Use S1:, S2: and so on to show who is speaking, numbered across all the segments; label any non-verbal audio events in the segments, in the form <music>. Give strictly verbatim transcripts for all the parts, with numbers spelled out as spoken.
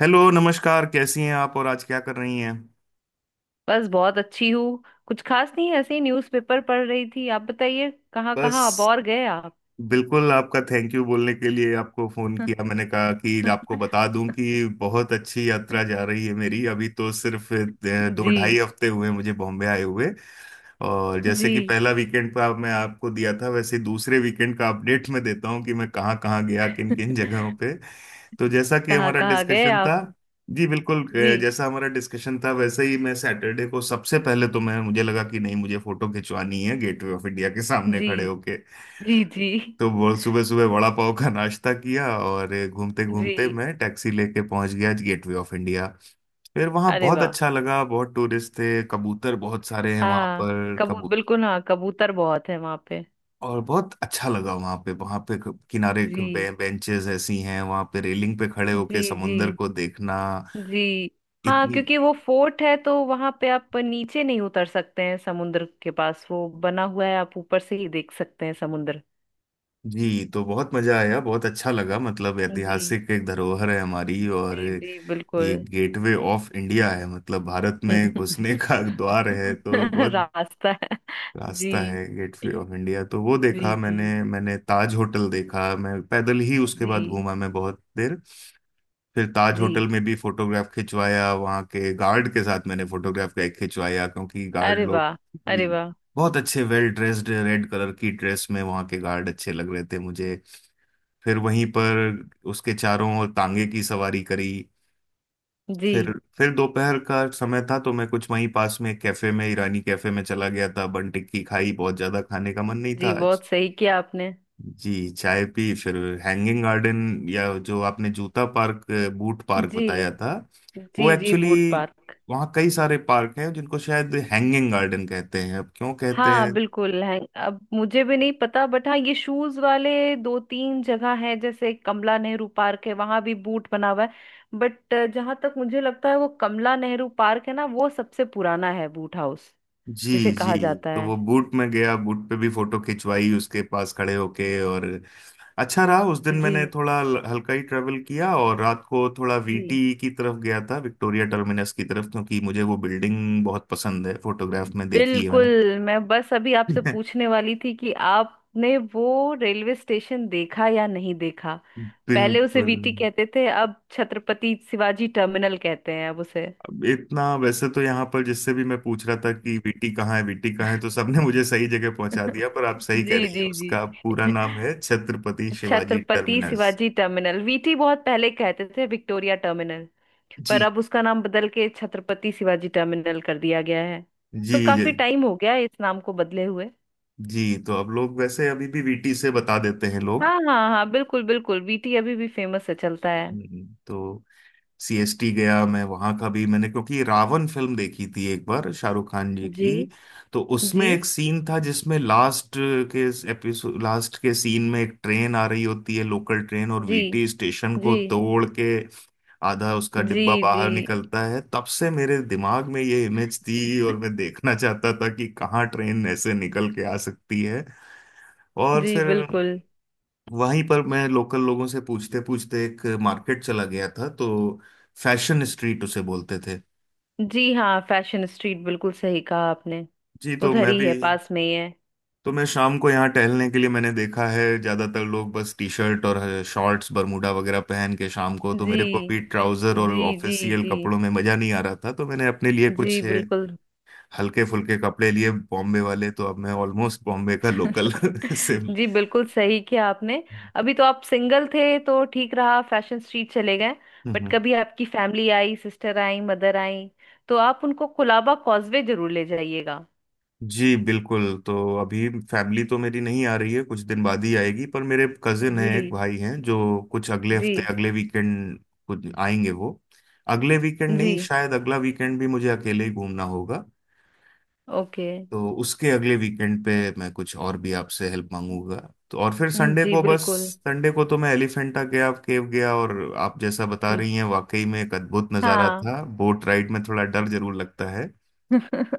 S1: Hello, नमस्कार। कैसी हैं आप और आज क्या कर रही हैं?
S2: बस बहुत अच्छी हूँ। कुछ खास नहीं, ऐसे ही न्यूज़पेपर पढ़ रही थी। आप बताइए, कहाँ कहाँ आप
S1: बस,
S2: और गए आप?
S1: बिल्कुल आपका थैंक यू बोलने के लिए आपको फोन किया। मैंने कहा कि आपको
S2: <laughs>
S1: बता दूं कि बहुत अच्छी यात्रा जा रही है मेरी। अभी तो सिर्फ अ, दो
S2: जी
S1: ढाई हफ्ते हुए हैं मुझे बॉम्बे आए हुए। और
S2: जी।
S1: जैसे कि पहला वीकेंड का मैं आपको दिया था, वैसे दूसरे वीकेंड का अपडेट मैं देता हूं कि मैं कहाँ कहाँ गया, किन किन जगहों पे। तो जैसा कि
S2: कहाँ
S1: हमारा
S2: कहाँ गए
S1: डिस्कशन था,
S2: आप?
S1: जी बिल्कुल।
S2: जी।
S1: अ, जैसा हमारा डिस्कशन था वैसे ही, मैं सैटरडे को सबसे पहले, तो मैं मुझे लगा कि नहीं, मुझे फोटो खिंचवानी है गेटवे ऑफ इंडिया के सामने
S2: जी
S1: खड़े होके।
S2: जी जी
S1: तो वो सुबह सुबह वड़ा पाव का नाश्ता किया और घूमते
S2: जी।
S1: घूमते मैं टैक्सी लेके पहुंच गया गेटवे ऑफ इंडिया। फिर वहां
S2: अरे
S1: बहुत
S2: वाह।
S1: अच्छा लगा, बहुत टूरिस्ट थे, कबूतर बहुत सारे हैं वहां
S2: हाँ,
S1: पर,
S2: कबू
S1: कबूतर।
S2: बिल्कुल, हाँ, कबूतर बहुत है वहां पे।
S1: और बहुत अच्छा लगा वहां पे वहां पे किनारे
S2: जी
S1: बेंचेस ऐसी हैं वहां पे, रेलिंग पे खड़े होके
S2: जी। जी
S1: समुंदर को देखना।
S2: जी। हाँ,
S1: इतनी।
S2: क्योंकि वो फोर्ट है तो वहां पे आप नीचे नहीं उतर सकते हैं समुद्र के पास। वो बना हुआ है, आप ऊपर से ही देख सकते हैं समुद्र।
S1: जी तो बहुत मजा आया, बहुत अच्छा लगा। मतलब
S2: जी
S1: ऐतिहासिक एक धरोहर है हमारी, और
S2: जी। जी
S1: ये
S2: बिल्कुल।
S1: गेटवे ऑफ इंडिया है, मतलब भारत में घुसने <laughs>
S2: <laughs>
S1: का द्वार है। तो बहुत,
S2: रास्ता है। जी
S1: रास्ता है गेटवे ऑफ इंडिया। तो वो
S2: जी
S1: देखा
S2: जी
S1: मैंने मैंने ताज होटल देखा। मैं पैदल ही उसके
S2: जी
S1: बाद घूमा, मैं बहुत देर। फिर ताज
S2: जी।
S1: होटल में भी फोटोग्राफ खिंचवाया वहाँ के गार्ड के साथ, मैंने फोटोग्राफ खिंचवाया, क्योंकि गार्ड
S2: अरे
S1: लोग,
S2: वाह।
S1: जी,
S2: अरे वाह।
S1: बहुत अच्छे वेल ड्रेस्ड रेड कलर की ड्रेस में वहाँ के गार्ड अच्छे लग रहे थे मुझे। फिर वहीं पर उसके चारों ओर तांगे की सवारी करी।
S2: जी।
S1: फिर फिर दोपहर का समय था, तो मैं कुछ वहीं पास में एक कैफे में, ईरानी कैफे में चला गया था। बन टिक्की खाई, बहुत ज्यादा खाने का मन नहीं था
S2: जी,
S1: आज।
S2: बहुत सही किया आपने।
S1: जी, चाय पी। फिर हैंगिंग गार्डन, या जो आपने जूता पार्क, बूट पार्क
S2: जी
S1: बताया था वो,
S2: जी जी,
S1: एक्चुअली
S2: बूट पार्क।
S1: वहाँ कई सारे पार्क हैं जिनको शायद हैंगिंग गार्डन कहते हैं। अब क्यों कहते
S2: हाँ,
S1: हैं?
S2: बिल्कुल है। अब मुझे भी नहीं पता, बट हाँ, ये शूज वाले दो तीन जगह है। जैसे कमला नेहरू पार्क है, वहां भी बूट बना हुआ है, बट जहां तक मुझे लगता है वो कमला नेहरू पार्क है ना, वो सबसे पुराना है बूट हाउस
S1: जी
S2: जिसे
S1: जी।
S2: कहा जाता
S1: तो
S2: है।
S1: वो बूट में गया, बूट पे भी फोटो खिंचवाई उसके पास खड़े होके। और अच्छा रहा। उस दिन
S2: जी
S1: मैंने थोड़ा ल- हल्का ही ट्रेवल किया, और रात को थोड़ा
S2: जी
S1: वी टी की तरफ गया था, विक्टोरिया टर्मिनस की तरफ, क्योंकि मुझे वो बिल्डिंग बहुत पसंद है, फोटोग्राफ में देखी है
S2: बिल्कुल।
S1: मैंने।
S2: मैं बस अभी आपसे
S1: <laughs>
S2: पूछने वाली थी कि आपने वो रेलवे स्टेशन देखा या नहीं देखा। पहले उसे
S1: बिल्कुल।
S2: वीटी कहते थे, अब छत्रपति शिवाजी टर्मिनल कहते हैं अब उसे।
S1: अब इतना, वैसे तो यहाँ पर जिससे भी मैं पूछ रहा था कि वी टी कहाँ है, वी टी कहाँ है, तो सबने <laughs> मुझे सही जगह पहुंचा दिया। पर
S2: <laughs>
S1: आप सही कह
S2: जी
S1: रही है,
S2: जी
S1: उसका पूरा
S2: जी।
S1: नाम है Chhatrapati
S2: <laughs>
S1: Shivaji
S2: Chhatrapati
S1: terminus.
S2: Shivaji terminal. VT बहुत पहले कहते थे, विक्टोरिया टर्मिनल। पर
S1: जी
S2: अब उसका नाम बदल के छत्रपति शिवाजी टर्मिनल कर दिया गया है।
S1: जी
S2: तो
S1: जी
S2: काफी टाइम हो गया है इस नाम को बदले हुए।
S1: जी। तो अब लोग वैसे अभी भी वी टी से बता देते हैं लोग।
S2: हाँ हाँ हाँ, बिल्कुल बिल्कुल। वीटी अभी भी फेमस है, चलता है।
S1: हम्म, तो सी एस टी गया मैं। वहां का भी मैंने, क्योंकि रावण फिल्म देखी थी एक बार शाहरुख खान जी
S2: जी
S1: की, तो उसमें
S2: जी
S1: एक सीन था जिसमें लास्ट के एपिसोड, लास्ट के सीन में एक ट्रेन आ रही होती है, लोकल ट्रेन, और
S2: जी।
S1: वी टी स्टेशन को
S2: जी
S1: तोड़ के आधा उसका
S2: जी।
S1: डिब्बा
S2: जी
S1: बाहर निकलता है। तब से मेरे दिमाग में ये इमेज थी, और मैं देखना चाहता था कि कहाँ ट्रेन ऐसे निकल के आ सकती है। और
S2: जी
S1: फिर
S2: बिल्कुल।
S1: वहीं पर मैं लोकल लोगों से पूछते पूछते एक मार्केट चला गया था, तो फैशन स्ट्रीट उसे बोलते थे।
S2: जी हाँ, फैशन स्ट्रीट, बिल्कुल सही कहा आपने।
S1: जी। तो
S2: उधर
S1: मैं
S2: ही
S1: भी,
S2: है, पास में ही है।
S1: तो मैं शाम को यहाँ टहलने के लिए, मैंने देखा है ज्यादातर लोग बस टी शर्ट और शॉर्ट्स बरमूडा वगैरह पहन के शाम को, तो
S2: जी
S1: मेरे को भी ट्राउजर और
S2: जी जी
S1: ऑफिशियल
S2: जी
S1: कपड़ों में मजा नहीं आ रहा था, तो मैंने अपने लिए
S2: जी
S1: कुछ
S2: बिल्कुल।
S1: हल्के फुल्के कपड़े लिए बॉम्बे वाले। तो अब मैं ऑलमोस्ट बॉम्बे का लोकल <laughs> से।
S2: <laughs>
S1: हम्म,
S2: जी बिल्कुल सही किया आपने। अभी तो आप सिंगल थे तो ठीक रहा, फैशन स्ट्रीट चले गए। बट
S1: हम्म।
S2: कभी आपकी फैमिली आई, सिस्टर आई, मदर आई, तो आप उनको कुलाबा कॉजवे जरूर ले जाइएगा।
S1: जी बिल्कुल। तो अभी फैमिली तो मेरी नहीं आ रही है, कुछ दिन बाद ही आएगी, पर मेरे कजिन
S2: जी
S1: हैं, एक भाई हैं जो कुछ अगले
S2: जी।
S1: हफ्ते, अगले वीकेंड कुछ आएंगे वो। अगले वीकेंड
S2: जी,
S1: नहीं, शायद अगला वीकेंड भी मुझे अकेले ही घूमना होगा।
S2: ओके।
S1: तो उसके अगले वीकेंड पे मैं कुछ और भी आपसे हेल्प मांगूंगा। तो और फिर
S2: हम्म,
S1: संडे
S2: जी
S1: को, बस
S2: बिल्कुल।
S1: संडे को तो मैं एलिफेंटा गया, केव गया, और आप जैसा बता
S2: जी,
S1: रही हैं वाकई में एक अद्भुत नज़ारा
S2: हाँ।
S1: था। बोट राइड में थोड़ा डर जरूर लगता है,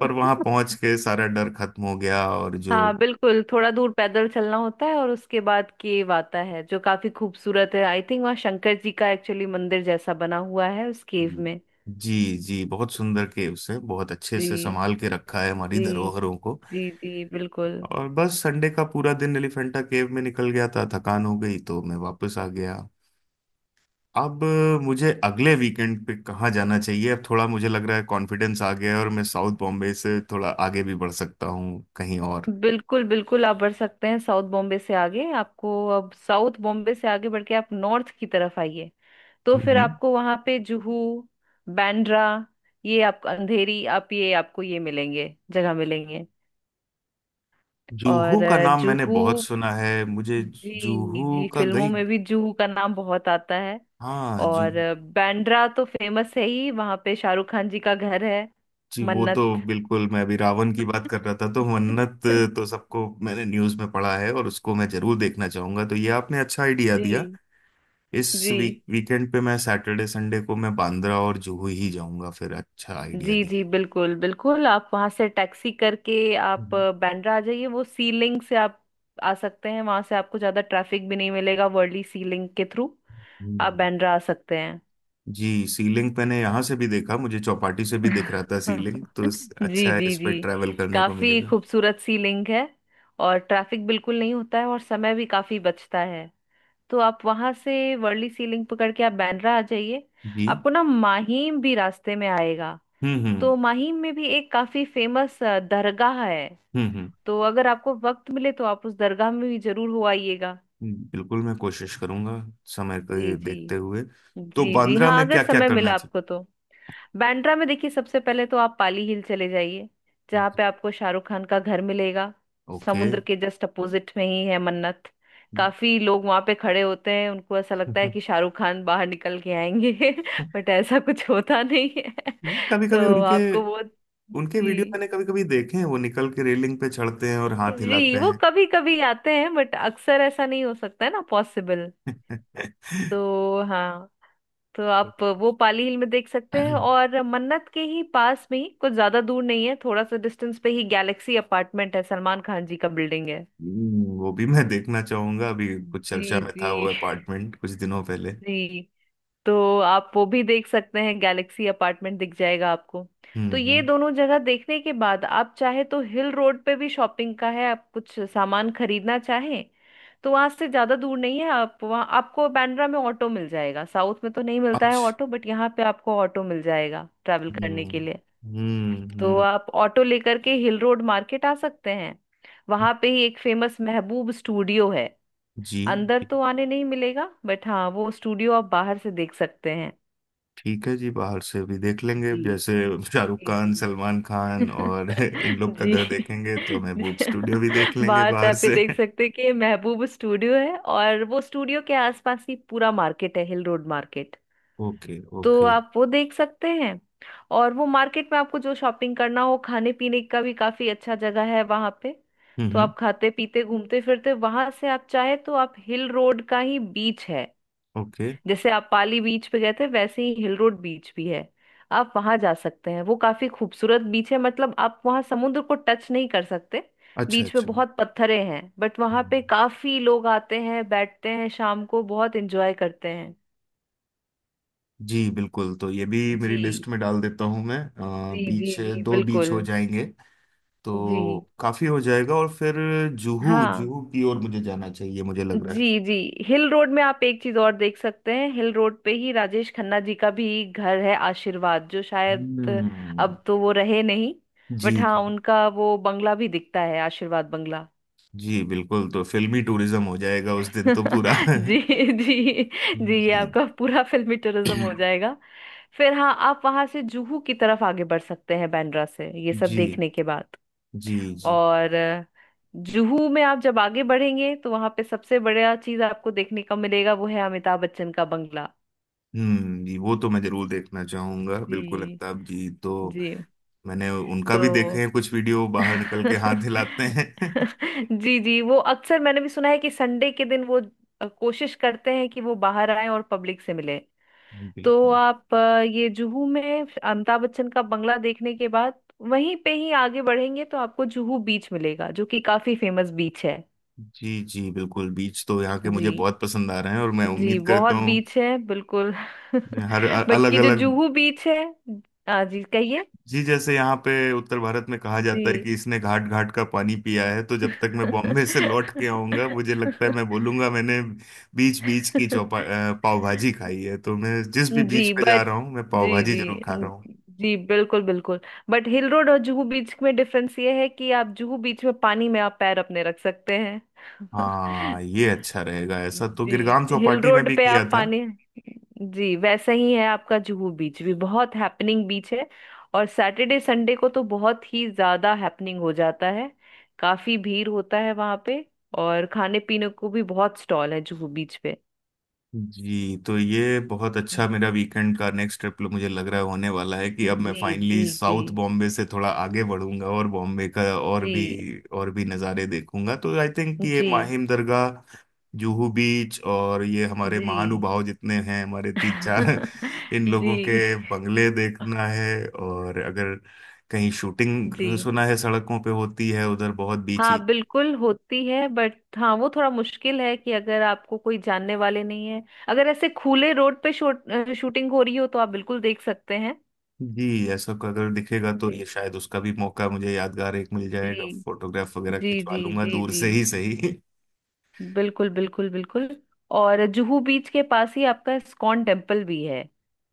S1: पर वहां पहुंच के सारा डर खत्म हो गया। और जो,
S2: हाँ बिल्कुल, थोड़ा दूर पैदल चलना होता है और उसके बाद केव आता है जो काफी खूबसूरत है। आई थिंक वहाँ शंकर जी का एक्चुअली मंदिर जैसा बना हुआ है उस केव में।
S1: जी जी, बहुत सुंदर, के उसे बहुत अच्छे से
S2: जी
S1: संभाल के रखा है हमारी
S2: जी।
S1: धरोहरों को।
S2: जी जी बिल्कुल।
S1: और बस संडे का पूरा दिन एलिफेंटा केव में निकल गया था, थकान हो गई तो मैं वापस आ गया। अब मुझे अगले वीकेंड पे कहाँ जाना चाहिए? अब थोड़ा मुझे लग रहा है कॉन्फिडेंस आ गया है, और मैं साउथ बॉम्बे से थोड़ा आगे भी बढ़ सकता हूँ कहीं और।
S2: बिल्कुल बिल्कुल, आप बढ़ सकते हैं साउथ बॉम्बे से आगे। आपको अब साउथ बॉम्बे से आगे बढ़ के आप नॉर्थ की तरफ आइए। तो फिर
S1: हम्म।
S2: आपको वहां पे जुहू, बांद्रा, ये आप अंधेरी, आप ये आपको ये मिलेंगे जगह मिलेंगे। और
S1: जुहू का
S2: अ,
S1: नाम मैंने
S2: जूहू।
S1: बहुत सुना है मुझे।
S2: जी
S1: जुहू
S2: जी,
S1: का
S2: फिल्मों
S1: गई,
S2: में भी जूहू का नाम बहुत आता है।
S1: हाँ, जू।
S2: और अ, बांद्रा तो फेमस है ही, वहां पे शाहरुख खान जी का घर है,
S1: जी, वो तो
S2: मन्नत।
S1: बिल्कुल। मैं अभी रावण की बात कर रहा था तो
S2: <laughs>
S1: मन्नत, तो सबको, मैंने न्यूज़ में पढ़ा है और उसको मैं जरूर देखना चाहूंगा। तो ये आपने अच्छा आइडिया दिया।
S2: जी
S1: इस
S2: जी
S1: वीक वीकेंड पे मैं सैटरडे संडे को मैं बांद्रा और जुहू ही जाऊंगा फिर। अच्छा आइडिया
S2: जी। जी
S1: दिया।
S2: बिल्कुल बिल्कुल, आप वहां से टैक्सी करके आप
S1: हम्म।
S2: अ, बांद्रा आ जाइए, वो सी लिंक से आप आ सकते हैं। वहां से आपको ज्यादा ट्रैफिक भी नहीं मिलेगा, वर्ली सी लिंक के थ्रू आप
S1: हम्म।
S2: बांद्रा आ सकते हैं।
S1: जी, सीलिंग मैंने यहाँ से भी देखा मुझे, चौपाटी से भी दिख रहा
S2: <laughs>
S1: था सीलिंग, तो इस,
S2: जी
S1: अच्छा है,
S2: जी
S1: इस
S2: जी।
S1: पे ट्रैवल करने को
S2: काफी
S1: मिलेगा।
S2: खूबसूरत सी लिंक है, और ट्रैफिक बिल्कुल नहीं होता है और समय भी काफी बचता है। तो आप वहां से वर्ली सी लिंक पकड़ के आप बांद्रा आ जाइए।
S1: जी।
S2: आपको ना माहिम भी रास्ते में आएगा।
S1: हम्म। हम्म।
S2: तो माहिम में भी एक काफी फेमस दरगाह है।
S1: हम्म। हम्म।
S2: तो अगर आपको वक्त मिले तो आप उस दरगाह में भी जरूर हो आइएगा।
S1: हम्म, बिल्कुल मैं कोशिश करूंगा, समय को
S2: जी
S1: ये
S2: जी।
S1: देखते हुए। तो
S2: जी जी
S1: बांद्रा
S2: हाँ,
S1: में
S2: अगर
S1: क्या क्या
S2: समय
S1: करना?
S2: मिला आपको तो। बांद्रा में देखिए, सबसे पहले तो आप पाली हिल चले जाइए, जहाँ
S1: ओके।
S2: पे आपको शाहरुख खान का घर मिलेगा। समुद्र के जस्ट अपोजिट में ही है मन्नत। काफी लोग वहां पे खड़े होते हैं, उनको ऐसा लगता है कि
S1: <laughs>
S2: शाहरुख खान बाहर निकल के आएंगे, <laughs> बट ऐसा कुछ होता नहीं है।
S1: कभी
S2: <laughs>
S1: कभी
S2: तो
S1: उनके,
S2: आपको वो।
S1: उनके वीडियो
S2: जी।
S1: मैंने कभी कभी देखे हैं, वो निकल के रेलिंग पे चढ़ते हैं और हाथ
S2: जी,
S1: हिलाते
S2: वो
S1: हैं।
S2: कभी कभी आते हैं बट अक्सर ऐसा नहीं हो सकता है ना पॉसिबल।
S1: <laughs>
S2: तो हाँ। तो आप वो पाली हिल में देख सकते हैं। और मन्नत के ही पास में ही कुछ ज्यादा दूर नहीं है, थोड़ा सा डिस्टेंस पे ही गैलेक्सी अपार्टमेंट है, सलमान खान जी का बिल्डिंग है।
S1: हम्म, वो भी मैं देखना चाहूंगा। अभी कुछ चर्चा
S2: जी
S1: में था वो
S2: जी।
S1: अपार्टमेंट कुछ
S2: <laughs>
S1: दिनों पहले।
S2: जी। तो आप वो भी देख सकते हैं, गैलेक्सी अपार्टमेंट दिख जाएगा आपको। तो
S1: हम्म
S2: ये
S1: हम्म।
S2: दोनों जगह देखने के बाद आप चाहे तो हिल रोड पे भी शॉपिंग का है, आप कुछ सामान खरीदना चाहें। तो वहां से ज्यादा दूर नहीं है, आप वहाँ आपको बांद्रा में ऑटो मिल जाएगा। साउथ में तो नहीं मिलता है ऑटो,
S1: अच्छा।
S2: बट यहाँ पे आपको ऑटो मिल जाएगा ट्रैवल करने के
S1: हम्म
S2: लिए।
S1: हम्म
S2: तो
S1: हम्म।
S2: आप ऑटो लेकर के हिल रोड मार्केट आ सकते हैं।
S1: हम्म,
S2: वहां पे ही एक फेमस महबूब स्टूडियो है।
S1: जी,
S2: अंदर तो आने नहीं मिलेगा, बट हाँ वो स्टूडियो आप बाहर से देख सकते हैं।
S1: ठीक है जी, बाहर से भी देख लेंगे।
S2: जी
S1: जैसे शाहरुख
S2: जी।
S1: खान, सलमान
S2: जी
S1: खान
S2: <laughs>
S1: और <laughs> इन लोग का
S2: जी।
S1: घर देखेंगे, तो महबूब
S2: जी।
S1: स्टूडियो भी देख लेंगे
S2: बाहर से
S1: बाहर
S2: आप ये
S1: से।
S2: देख सकते हैं कि ये महबूब स्टूडियो है। और वो स्टूडियो के आसपास ही पूरा मार्केट है, हिल रोड मार्केट।
S1: ओके
S2: तो
S1: ओके।
S2: आप वो देख सकते हैं। और वो मार्केट में आपको जो शॉपिंग करना हो, खाने पीने का भी काफी अच्छा जगह है वहां पे।
S1: हम्म
S2: तो
S1: हम्म।
S2: आप खाते पीते घूमते फिरते वहां से आप चाहे तो आप हिल रोड का ही बीच है।
S1: ओके।
S2: जैसे आप पाली बीच पे गए थे, वैसे ही हिल रोड बीच भी है। आप वहां जा सकते हैं, वो काफी खूबसूरत बीच है। मतलब आप वहां समुद्र को टच नहीं कर सकते,
S1: अच्छा
S2: बीच में
S1: अच्छा।
S2: बहुत पत्थरे हैं। बट वहां
S1: हम्म,
S2: पे काफी लोग आते हैं, बैठते हैं, शाम को बहुत एंजॉय करते हैं।
S1: जी बिल्कुल, तो ये भी मेरी
S2: जी
S1: लिस्ट में डाल देता हूँ मैं। अ,
S2: जी जी
S1: बीच,
S2: जी
S1: दो बीच
S2: बिल्कुल।
S1: हो जाएंगे,
S2: जी।
S1: तो काफी हो जाएगा। और फिर जुहू,
S2: हाँ
S1: जुहू की ओर मुझे जाना चाहिए, मुझे लग रहा है।
S2: जी जी, हिल रोड में आप एक चीज और देख सकते हैं। हिल रोड पे ही राजेश खन्ना जी का भी घर है, आशीर्वाद, जो शायद
S1: हम्म।
S2: अब तो वो रहे नहीं।
S1: जी
S2: बट हाँ,
S1: जी
S2: उनका वो बंगला भी दिखता है, आशीर्वाद बंगला।
S1: जी बिल्कुल, तो फिल्मी टूरिज्म हो जाएगा उस दिन तो पूरा।
S2: <laughs> जी
S1: <laughs>
S2: जी। जी, ये
S1: हम्म,
S2: आपका पूरा फिल्मी टूरिज्म हो जाएगा। फिर हाँ, आप वहां से जुहू की तरफ आगे बढ़ सकते हैं, बांद्रा से ये सब
S1: जी
S2: देखने के बाद।
S1: जी जी।
S2: और अ, जुहू में आप जब आगे बढ़ेंगे तो वहां पे सबसे बड़ा चीज आपको देखने का मिलेगा, वो है अमिताभ बच्चन का बंगला।
S1: हम्म जी, वो तो मैं जरूर देखना चाहूंगा बिल्कुल,
S2: जी
S1: अमिताभ जी तो।
S2: जी।
S1: मैंने उनका भी देखे
S2: तो
S1: हैं कुछ वीडियो, बाहर निकल के हाथ
S2: <laughs>
S1: हिलाते हैं। <laughs>
S2: जी जी, वो अक्सर मैंने भी सुना है कि संडे के दिन वो अ, कोशिश करते हैं कि वो बाहर आए और पब्लिक से मिले। तो
S1: बिल्कुल।
S2: आप अ, ये जुहू में अमिताभ बच्चन का बंगला देखने के बाद वहीं पे ही आगे बढ़ेंगे तो आपको जुहू बीच मिलेगा, जो कि काफी फेमस बीच है।
S1: जी जी बिल्कुल, बीच तो यहाँ के
S2: जी
S1: मुझे बहुत पसंद आ रहे हैं, और मैं
S2: जी,
S1: उम्मीद करता
S2: बहुत
S1: हूँ
S2: बीच है बिल्कुल। <laughs>
S1: हर
S2: बट
S1: अलग
S2: ये जो
S1: अलग।
S2: जुहू बीच है। हाँ जी कहिए।
S1: जी, जैसे यहाँ पे उत्तर भारत में कहा जाता है कि
S2: जी।
S1: इसने घाट घाट का पानी पिया है, तो जब तक मैं बॉम्बे से लौट के आऊंगा, मुझे लगता है मैं
S2: <laughs>
S1: बोलूंगा मैंने बीच बीच की चौपा
S2: <laughs>
S1: अ, पाव भाजी खाई है। तो मैं जिस भी बीच
S2: जी,
S1: पे जा
S2: बट।
S1: रहा हूँ, मैं पाव
S2: जी
S1: भाजी
S2: जी
S1: जरूर खा रहा हूँ।
S2: जी बिल्कुल बिल्कुल। बट हिल रोड और जुहू बीच में डिफरेंस ये है कि आप जुहू बीच में पानी में आप पैर अपने रख सकते हैं।
S1: हाँ,
S2: <laughs>
S1: ये अच्छा रहेगा, ऐसा तो
S2: जी,
S1: गिरगाम
S2: हिल
S1: चौपाटी में
S2: रोड
S1: भी
S2: पे
S1: किया
S2: आप
S1: था।
S2: पानी। जी, वैसा ही है। आपका जुहू बीच भी बहुत हैपनिंग बीच है। और सैटरडे संडे को तो बहुत ही ज्यादा हैपनिंग हो जाता है, काफी भीड़ होता है वहां पे। और खाने पीने को भी बहुत स्टॉल है जुहू बीच पे।
S1: जी, तो ये बहुत अच्छा मेरा वीकेंड का नेक्स्ट ट्रिप मुझे लग रहा है होने वाला है, कि अब मैं
S2: जी जी
S1: फाइनली
S2: जी
S1: साउथ बॉम्बे से थोड़ा आगे बढ़ूंगा और बॉम्बे का और भी
S2: जी
S1: और भी नज़ारे देखूंगा। तो आई थिंक ये
S2: जी।
S1: माहिम दरगाह, जुहू बीच, और ये हमारे
S2: जी
S1: महानुभाव जितने हैं, हमारे तीन चार।
S2: <laughs>
S1: <laughs> इन
S2: जी
S1: लोगों के बंगले देखना है। और अगर कहीं शूटिंग,
S2: जी।
S1: सुना है सड़कों पे होती है उधर बहुत, बीच।
S2: हाँ बिल्कुल होती है, बट हाँ वो थोड़ा मुश्किल है कि अगर आपको कोई जानने वाले नहीं है। अगर ऐसे खुले रोड पे शूट अ, शूटिंग हो रही हो तो आप बिल्कुल देख सकते हैं।
S1: जी, ऐसा को अगर दिखेगा तो ये
S2: जी
S1: शायद उसका भी मौका मुझे, यादगार एक मिल जाएगा,
S2: जी
S1: फोटोग्राफ वगैरह
S2: जी
S1: खिंचवा
S2: जी
S1: लूंगा
S2: जी।
S1: दूर
S2: जी
S1: से ही सही।
S2: बिल्कुल बिल्कुल बिल्कुल। और जुहू बीच के पास ही आपका इस्कॉन टेम्पल भी है।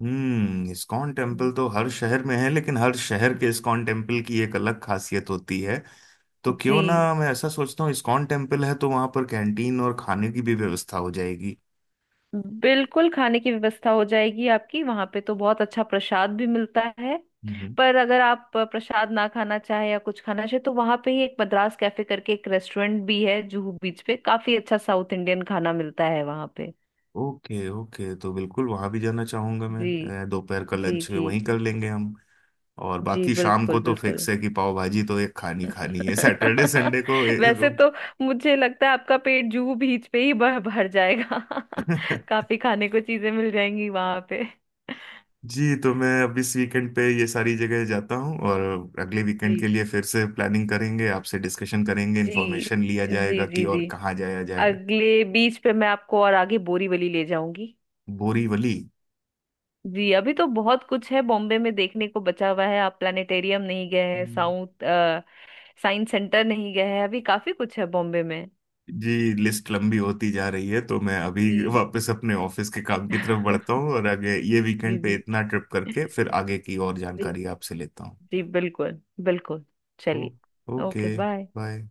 S1: हम्म इस्कॉन
S2: हम्म।
S1: टेम्पल तो हर शहर में है, लेकिन हर शहर के इस्कॉन टेम्पल की एक अलग खासियत होती है। तो
S2: जी
S1: क्यों ना, मैं ऐसा सोचता हूँ इस्कॉन टेम्पल है तो वहां पर कैंटीन और खाने की भी व्यवस्था हो जाएगी।
S2: बिल्कुल, खाने की व्यवस्था हो जाएगी आपकी। वहां पे तो बहुत अच्छा प्रसाद भी मिलता है।
S1: हम्म।
S2: पर अगर आप प्रसाद ना खाना चाहे या कुछ खाना चाहे तो वहां पे ही एक मद्रास कैफे करके एक रेस्टोरेंट भी है जुहू बीच पे, काफी अच्छा साउथ इंडियन खाना मिलता है वहां पे।
S1: ओके ओके, तो बिल्कुल वहां भी जाना चाहूंगा मैं।
S2: जी
S1: अ, दोपहर का
S2: जी।
S1: लंच
S2: जी
S1: वहीं कर लेंगे हम। और
S2: जी
S1: बाकी शाम को
S2: बिल्कुल
S1: तो
S2: बिल्कुल।
S1: फिक्स है कि पाव भाजी तो एक खानी खानी है, सैटरडे संडे को।
S2: <laughs> वैसे तो मुझे लगता है आपका पेट जुहू बीच पे ही भर भर जाएगा। <laughs>
S1: <laughs>
S2: काफी खाने को चीजें मिल जाएंगी वहां पे।
S1: जी, तो मैं अब इस वीकेंड पे ये सारी जगह जाता हूँ, और अगले वीकेंड के
S2: जी
S1: लिए फिर से प्लानिंग करेंगे, आपसे डिस्कशन करेंगे,
S2: जी
S1: इन्फॉर्मेशन लिया
S2: जी
S1: जाएगा कि
S2: जी
S1: और
S2: जी।
S1: कहाँ जाया जाए।
S2: अगले बीच पे मैं आपको और आगे बोरीवली ले जाऊंगी।
S1: बोरीवली?
S2: जी, अभी तो बहुत कुछ है बॉम्बे में देखने को बचा हुआ है। आप प्लानिटेरियम नहीं गए हैं,
S1: हम्म।
S2: साउथ साइंस सेंटर नहीं गए हैं, अभी काफी कुछ है बॉम्बे में।
S1: जी, लिस्ट लंबी होती जा रही है, तो मैं अभी
S2: जी
S1: वापस अपने ऑफिस के काम की तरफ बढ़ता हूँ,
S2: <laughs>
S1: और आगे ये
S2: जी
S1: वीकेंड पे
S2: जी।
S1: इतना ट्रिप करके फिर आगे की और
S2: जी
S1: जानकारी आपसे लेता हूँ।
S2: जी बिल्कुल बिल्कुल।
S1: ओ,
S2: चलिए,
S1: ओके,
S2: ओके, बाय।
S1: बाय।